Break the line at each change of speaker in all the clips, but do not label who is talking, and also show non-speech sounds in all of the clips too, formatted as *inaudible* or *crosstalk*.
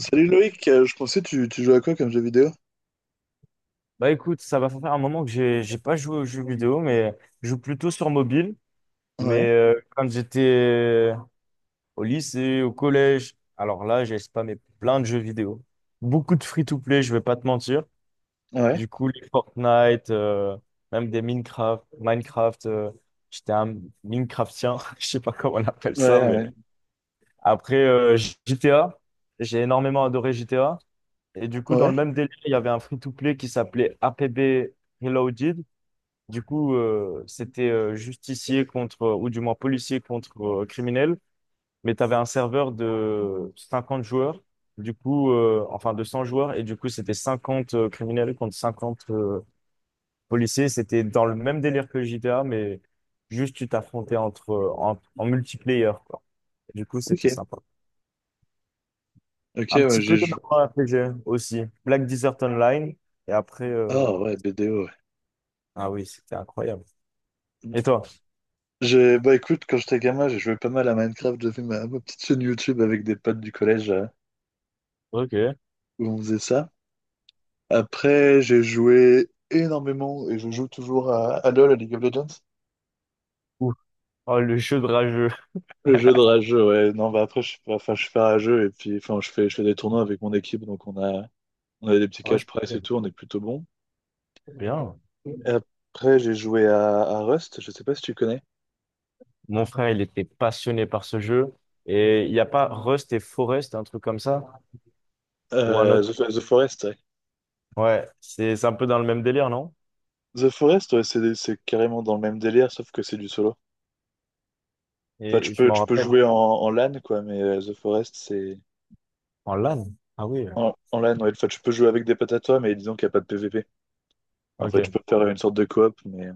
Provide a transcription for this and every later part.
Salut Loïc, je pensais tu joues à quoi comme jeu vidéo?
Bah écoute, ça va faire un moment que j'ai pas joué aux jeux vidéo, mais je joue plutôt sur mobile. Mais
Ouais,
quand j'étais au lycée, au collège, alors là, j'ai spammé plein de jeux vidéo. Beaucoup de free-to-play, je vais pas te mentir.
ouais,
Du coup, les Fortnite, même des Minecraft, j'étais un Minecraftien, *laughs* je sais pas comment on appelle
ouais,
ça, mais
ouais,
après GTA, j'ai énormément adoré GTA. Et du coup, dans
ouais,
le même délire, il y avait un free-to-play qui s'appelait APB Reloaded. Du coup, c'était justicier contre, ou du moins policier contre criminel, mais tu avais un serveur de 50 joueurs, du coup, enfin de 100 joueurs, et du coup, c'était 50 criminels contre 50 policiers. C'était dans le même délire que GTA, mais juste tu t'affrontais entre, en multiplayer, quoi. Du coup, c'était
ok.
sympa.
Ok,
Un
ouais,
petit
j'ai
peu de
joué.
RPG aussi, Black Desert Online, et après,
Ah ouais, BDO, ouais.
ah oui, c'était incroyable.
Mm.
Et toi?
Bah écoute, quand j'étais gamin, j'ai joué pas mal à Minecraft, j'avais ma petite chaîne YouTube avec des potes du collège
Ok.
où on faisait ça. Après, j'ai joué énormément et je joue toujours à LoL, à League of Legends.
Ouh. Oh, le jeu de rageux.
Le jeu de rageux, ouais. Non, bah après, je suis pas, enfin, je suis pas rageux et puis, enfin, je fais des tournois avec mon équipe, donc on a des petits
Oh,
cash price et tout, on est plutôt bon.
bien.
Après, j'ai joué à Rust, je sais pas si tu connais.
Mon frère, il était passionné par ce jeu. Et il n'y a pas Rust et Forest, un truc comme ça? Ou un
Euh,
autre?
The, The Forest, ouais.
Ouais, c'est un peu dans le même délire, non?
The Forest, ouais, c'est carrément dans le même délire, sauf que c'est du solo. Enfin, tu
Et je
peux,
m'en
tu peux
rappelle.
jouer en LAN, quoi, mais The Forest, c'est...
En LAN? Ah oui.
En LAN, ouais. Enfin, tu peux jouer avec des potes à toi, mais disons qu'il n'y a pas de PVP. En
Ok.
fait, tu
Et
peux faire une sorte de coop, mais...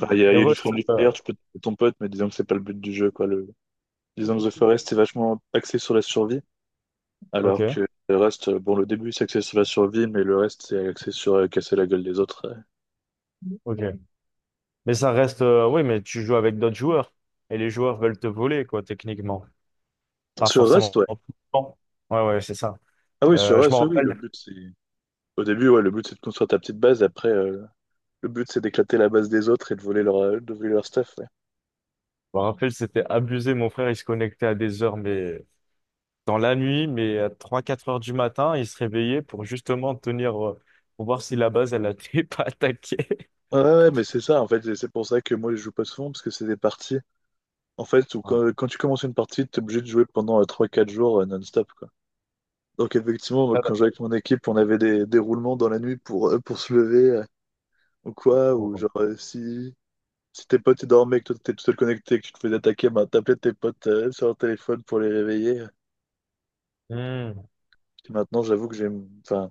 Enfin, il y a du
Rust,
friendly fire, tu peux taper ton pote, mais disons que c'est pas le but du jeu, quoi. Le... Disons que The Forest est vachement axé sur la survie, alors
ok,
que Rust, bon, le début, c'est axé sur la survie, mais le reste, c'est axé sur casser la gueule des autres.
ok. Mais ça reste, oui, mais tu joues avec d'autres joueurs. Et les joueurs veulent te voler, quoi, techniquement. Pas
Sur Rust,
forcément.
ouais.
Tout le temps. Ouais, ouais, c'est ça.
Ah oui, sur
Je
Rust,
m'en
oui, oui, le
rappelle.
but c'est. Au début, ouais, le but c'est de construire ta petite base, après le but c'est d'éclater la base des autres et de voler leur stuff. Ouais,
Je me rappelle, c'était abusé. Mon frère, il se connectait à des heures, mais dans la nuit, mais à trois quatre heures du matin, il se réveillait pour justement tenir, pour voir si la base, elle n'était *laughs* pas attaquée.
ouais, ouais, ouais, mais c'est ça, en fait, et c'est pour ça que moi je joue pas souvent, parce que c'est des parties. En fait, où
Ouais.
quand tu commences une partie, t'es obligé de jouer pendant 3-4 jours non-stop, quoi. Donc effectivement, moi,
Ça
quand je
va.
jouais avec mon équipe, on avait des roulements dans la nuit pour se lever, ou quoi,
Bon,
ou
bon.
genre si. Si tes potes ils dormaient, que toi t'étais tout seul connecté, que tu te faisais attaquer, ben, t'appelais tes potes sur leur téléphone pour les réveiller.
Hmm,
Puis maintenant, j'avoue que enfin,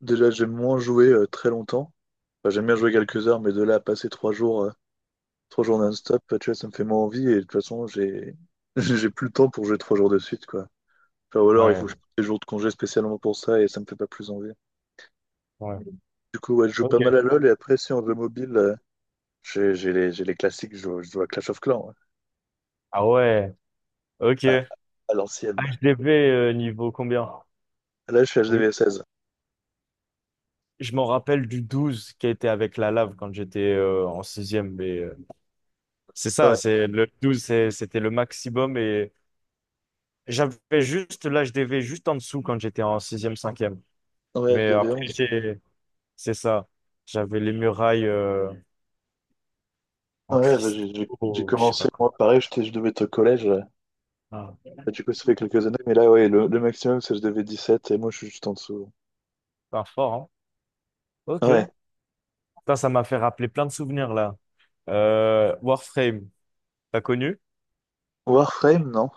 déjà, j'aime moins jouer très longtemps. Enfin, j'aime bien jouer quelques heures, mais de là à passer trois jours non-stop, tu vois, ça me fait moins envie. Et de toute façon, j'ai *laughs* j'ai plus le temps pour jouer 3 jours de suite, quoi. Enfin, ou alors, il faut que je
ouais,
prenne des jours de congé spécialement pour ça, et ça me fait pas plus envie.
ouais.
Du coup, ouais, je joue
Ok.
pas mal à LoL, et après, si en jeu mobile, j'ai les classiques, je joue à Clash of Clans, ouais.
Ah ouais, ok.
À, à l'ancienne.
HDV niveau combien?
Là, je suis
Oui.
HDV16.
Je m'en rappelle du 12 qui a été avec la lave quand j'étais en sixième, mais c'est ça,
Ouais,
c'est le 12, c'était le maximum et j'avais juste l'HDV juste en dessous quand j'étais en sixième, cinquième.
ouais,
Mais après,
HDV11.
j'ai C'est ça. J'avais les murailles en
Ouais, bah, j'ai
cristaux, je sais pas
commencé,
quoi.
moi, pareil, je devais être au collège.
Ah,
Bah, du coup, ça fait quelques années, mais là, ouais, le maximum, c'est que je devais 17 et moi, je suis juste en dessous.
pas fort, hein? Ok.
Ouais.
Putain, ça m'a fait rappeler plein de souvenirs là. Warframe, t'as connu?
Warframe, non?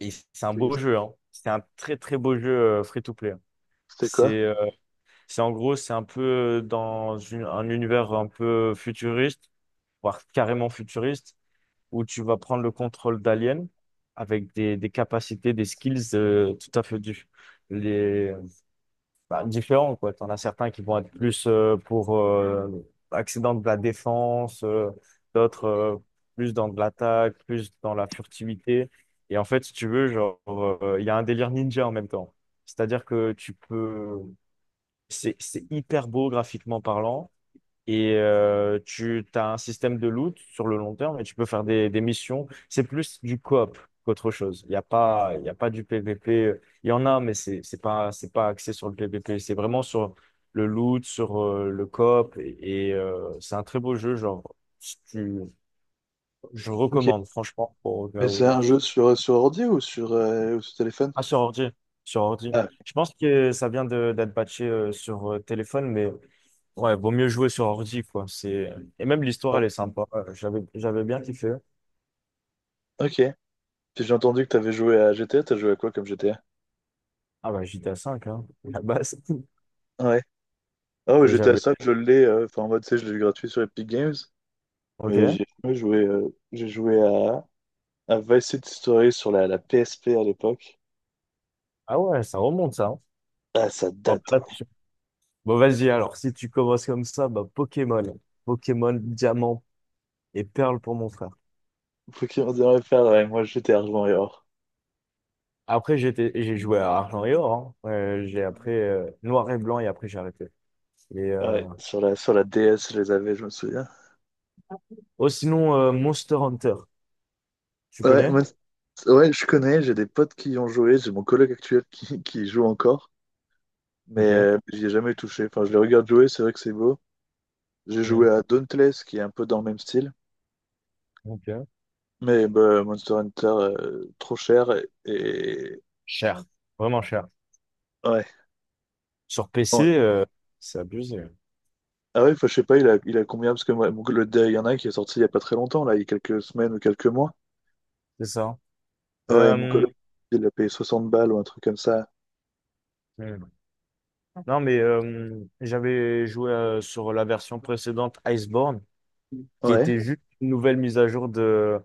Et c'est un beau
C'est-
jeu, hein. C'est un très très beau jeu free-to-play.
C'était
C'est
quoi?
euh, c'est en gros, c'est un peu dans un univers un peu futuriste, voire carrément futuriste, où tu vas prendre le contrôle d'aliens avec des capacités, des skills tout à fait différentes bah, différents, quoi. T'en as certains qui vont être plus pour axés dans de la défense, d'autres plus dans de l'attaque, plus dans la furtivité. Et en fait, si tu veux, genre, il y a un délire ninja en même temps. C'est-à-dire que tu peux... C'est hyper beau graphiquement parlant. Et tu as un système de loot sur le long terme et tu peux faire des missions. C'est plus du coop qu'autre chose. Il y a pas du PVP. Il y en a, mais c'est pas axé sur le PVP. C'est vraiment sur le loot, sur le coop. Et c'est un très beau jeu. Genre, si tu, je
Ok.
recommande, franchement, pour au cas
Mais c'est
où-
un jeu sur ordi ou sur téléphone?
Ah, sur ordi. Sur ordi.
Ah,
Je pense que ça vient d'être patché sur téléphone, mais. Ouais, vaut mieux jouer sur ordi, quoi. C'est... Et même l'histoire,
ouais.
elle est sympa. J'avais bien kiffé.
Ok. Puis j'ai entendu que t'avais joué à GTA, t'as joué à quoi comme GTA?
Ah bah, GTA 5 hein, la base. *laughs*
Ouais. Ah ouais,
Et
GTA
j'avais...
5, je l'ai, enfin, en mode, tu sais, je l'ai eu gratuit sur Epic Games, mais
Ok.
j'ai jamais joué, j'ai joué à Vice City Story sur la PSP à l'époque.
Ah ouais, ça remonte, ça. Hein.
Ah, ça
Bon,
date.
après, bon, vas-y, alors, si tu commences comme ça, bah, Pokémon. Pokémon, Diamant et Perle pour mon frère.
Faut qu'il m'en faire, ouais, moi, GTA rejoint.
Après, j'ai joué à Argent et Or. Hein. J'ai après Noir et Blanc et après, j'ai arrêté. Et, euh...
Ouais, sur la DS, je les avais, je me souviens.
Oh, sinon, Monster Hunter. Tu
Ouais,
connais?
moi, ouais, je connais, j'ai des potes qui y ont joué, j'ai mon coloc actuel qui y joue encore, mais
Ok.
j'y ai jamais touché. Enfin, je les regarde jouer, c'est vrai que c'est beau. J'ai
Mm.
joué à Dauntless, qui est un peu dans le même style,
Ok.
mais bah, Monster Hunter, trop cher, et...
Cher. Vraiment cher.
Ouais.
Sur PC,
Non.
c'est abusé.
Ah ouais, enfin, je sais pas, il a combien, parce que moi, il y en a un qui est sorti il y a pas très longtemps, là, il y a quelques semaines ou quelques mois.
C'est ça.
Ouais, mon
Euh,
coloc, il a payé 60 balles ou un truc comme ça.
hmm. Non, mais j'avais joué sur la version précédente Iceborne, qui
Ouais,
était juste une nouvelle mise à jour de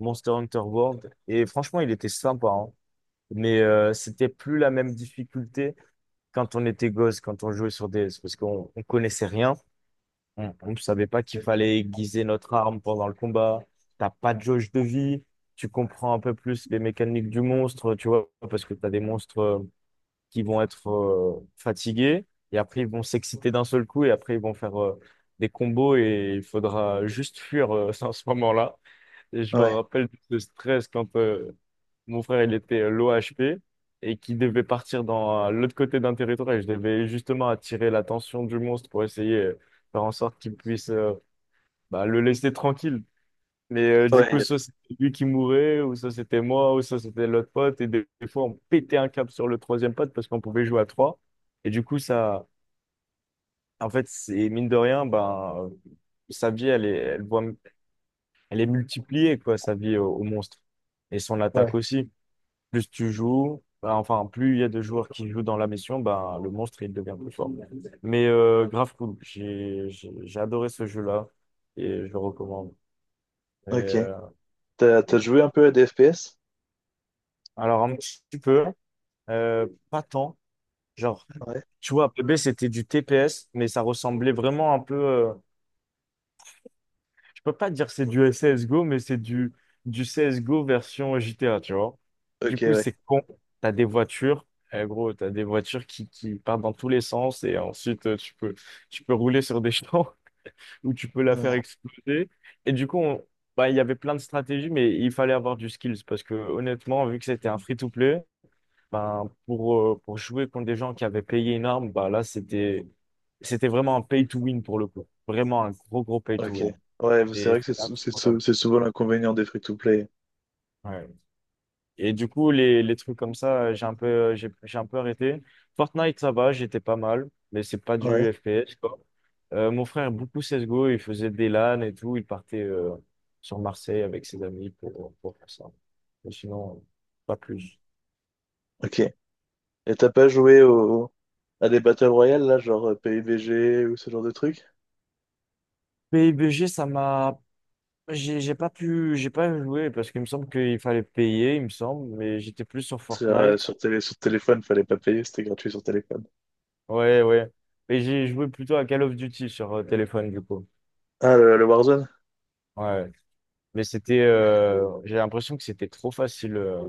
Monster Hunter World. Et franchement, il était sympa, hein. Mais c'était plus la même difficulté quand on était gosse, quand on jouait sur DS, parce qu'on on connaissait rien. On ne savait pas qu'il fallait aiguiser notre arme pendant le combat. T'as pas de jauge de vie. Tu comprends un peu plus les mécaniques du monstre, tu vois, parce que tu as des monstres qui vont être fatigués et après ils vont s'exciter d'un seul coup et après ils vont faire des combos et il faudra juste fuir *laughs* à ce moment-là. Et je me
ouais,
rappelle de ce stress quand mon frère il était l'OHP et qu'il devait partir dans l'autre côté d'un territoire et je devais justement attirer l'attention du monstre pour essayer de faire en sorte qu'il puisse bah, le laisser tranquille. Mais du coup,
ouais,
soit c'était lui qui mourait, ou ça c'était moi, ou ça c'était l'autre pote. Et des fois, on pétait un câble sur le troisième pote parce qu'on pouvait jouer à trois. Et du coup, ça, en fait, c'est mine de rien, ben, sa vie, elle est multipliée, quoi, sa vie au monstre. Et son
ouais.
attaque aussi. Plus tu joues, plus il y a de joueurs qui jouent dans la mission, bah, le monstre, il devient plus fort. Mais grave cool. J'ai adoré ce jeu-là et je le recommande. Et,
Ok.
euh,
T'as joué un peu à des FPS?
alors, un petit peu, pas tant. Genre,
Ouais.
tu vois, PB, c'était du TPS, mais ça ressemblait vraiment un peu. Peux pas dire que c'est du CSGO, mais c'est du CSGO version GTA, tu vois.
Ok,
Du coup,
ouais.
c'est con. T'as des voitures, eh, gros, t'as des voitures qui partent dans tous les sens et ensuite tu peux rouler sur des champs *laughs* ou tu peux la faire
Ouais.
exploser. Et du coup, bah, il y avait plein de stratégies, mais il fallait avoir du skills parce que honnêtement, vu que c'était un free-to-play, ben, pour jouer contre des gens qui avaient payé une arme, c'était vraiment un pay-to-win pour le coup. Vraiment un gros
Ok.
pay-to-win.
Ouais, c'est
Et
vrai que c'est souvent l'inconvénient des free-to-play.
Ouais. Et du coup, les trucs comme ça, j'ai un peu arrêté. Fortnite, ça va, j'étais pas mal, mais c'est pas
Ouais.
du FPS, quoi. Mon frère, beaucoup CSGO, il faisait des LAN et tout, il partait sur Marseille avec ses amis pour faire ça. Mais sinon, pas plus.
Ok. Et t'as pas joué à des Battle Royale, là, genre PUBG ou ce genre de truc?
PUBG, ça m'a. J'ai pas pu, j'ai pas joué parce qu'il me semble qu'il fallait payer, il me semble, mais j'étais plus sur
Sur, euh,
Fortnite.
sur télé, sur téléphone, fallait pas payer, c'était gratuit sur téléphone.
Ouais, ouais. Et j'ai joué plutôt à Call of Duty sur téléphone, du coup.
Ah, le Warzone?
Ouais. Mais c'était, j'ai l'impression que c'était trop facile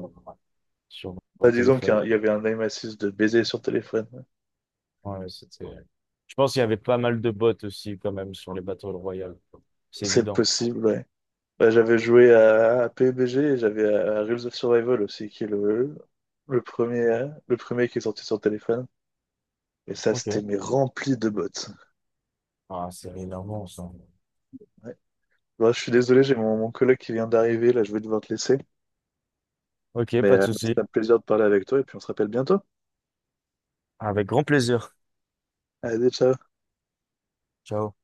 sur mon
Bah, disons
téléphone.
il y avait un aim assist de baiser sur téléphone.
Ouais, c'était... Je pense qu'il y avait pas mal de bots aussi quand même sur les Battle Royale. C'est
C'est
évident.
possible, ouais. Bah, j'avais joué à PUBG et j'avais à Rules of Survival aussi, qui est le premier qui est sorti sur téléphone. Et ça,
Ok.
c'était mais rempli de bottes.
Ah, c'est énorme ça.
Ouais. Bon, je suis désolé, j'ai mon collègue qui vient d'arriver, là, je vais devoir te laisser.
Ok,
Mais
pas de souci.
c'était un plaisir de parler avec toi et puis on se rappelle bientôt.
Avec grand plaisir.
Allez, ciao.
Ciao.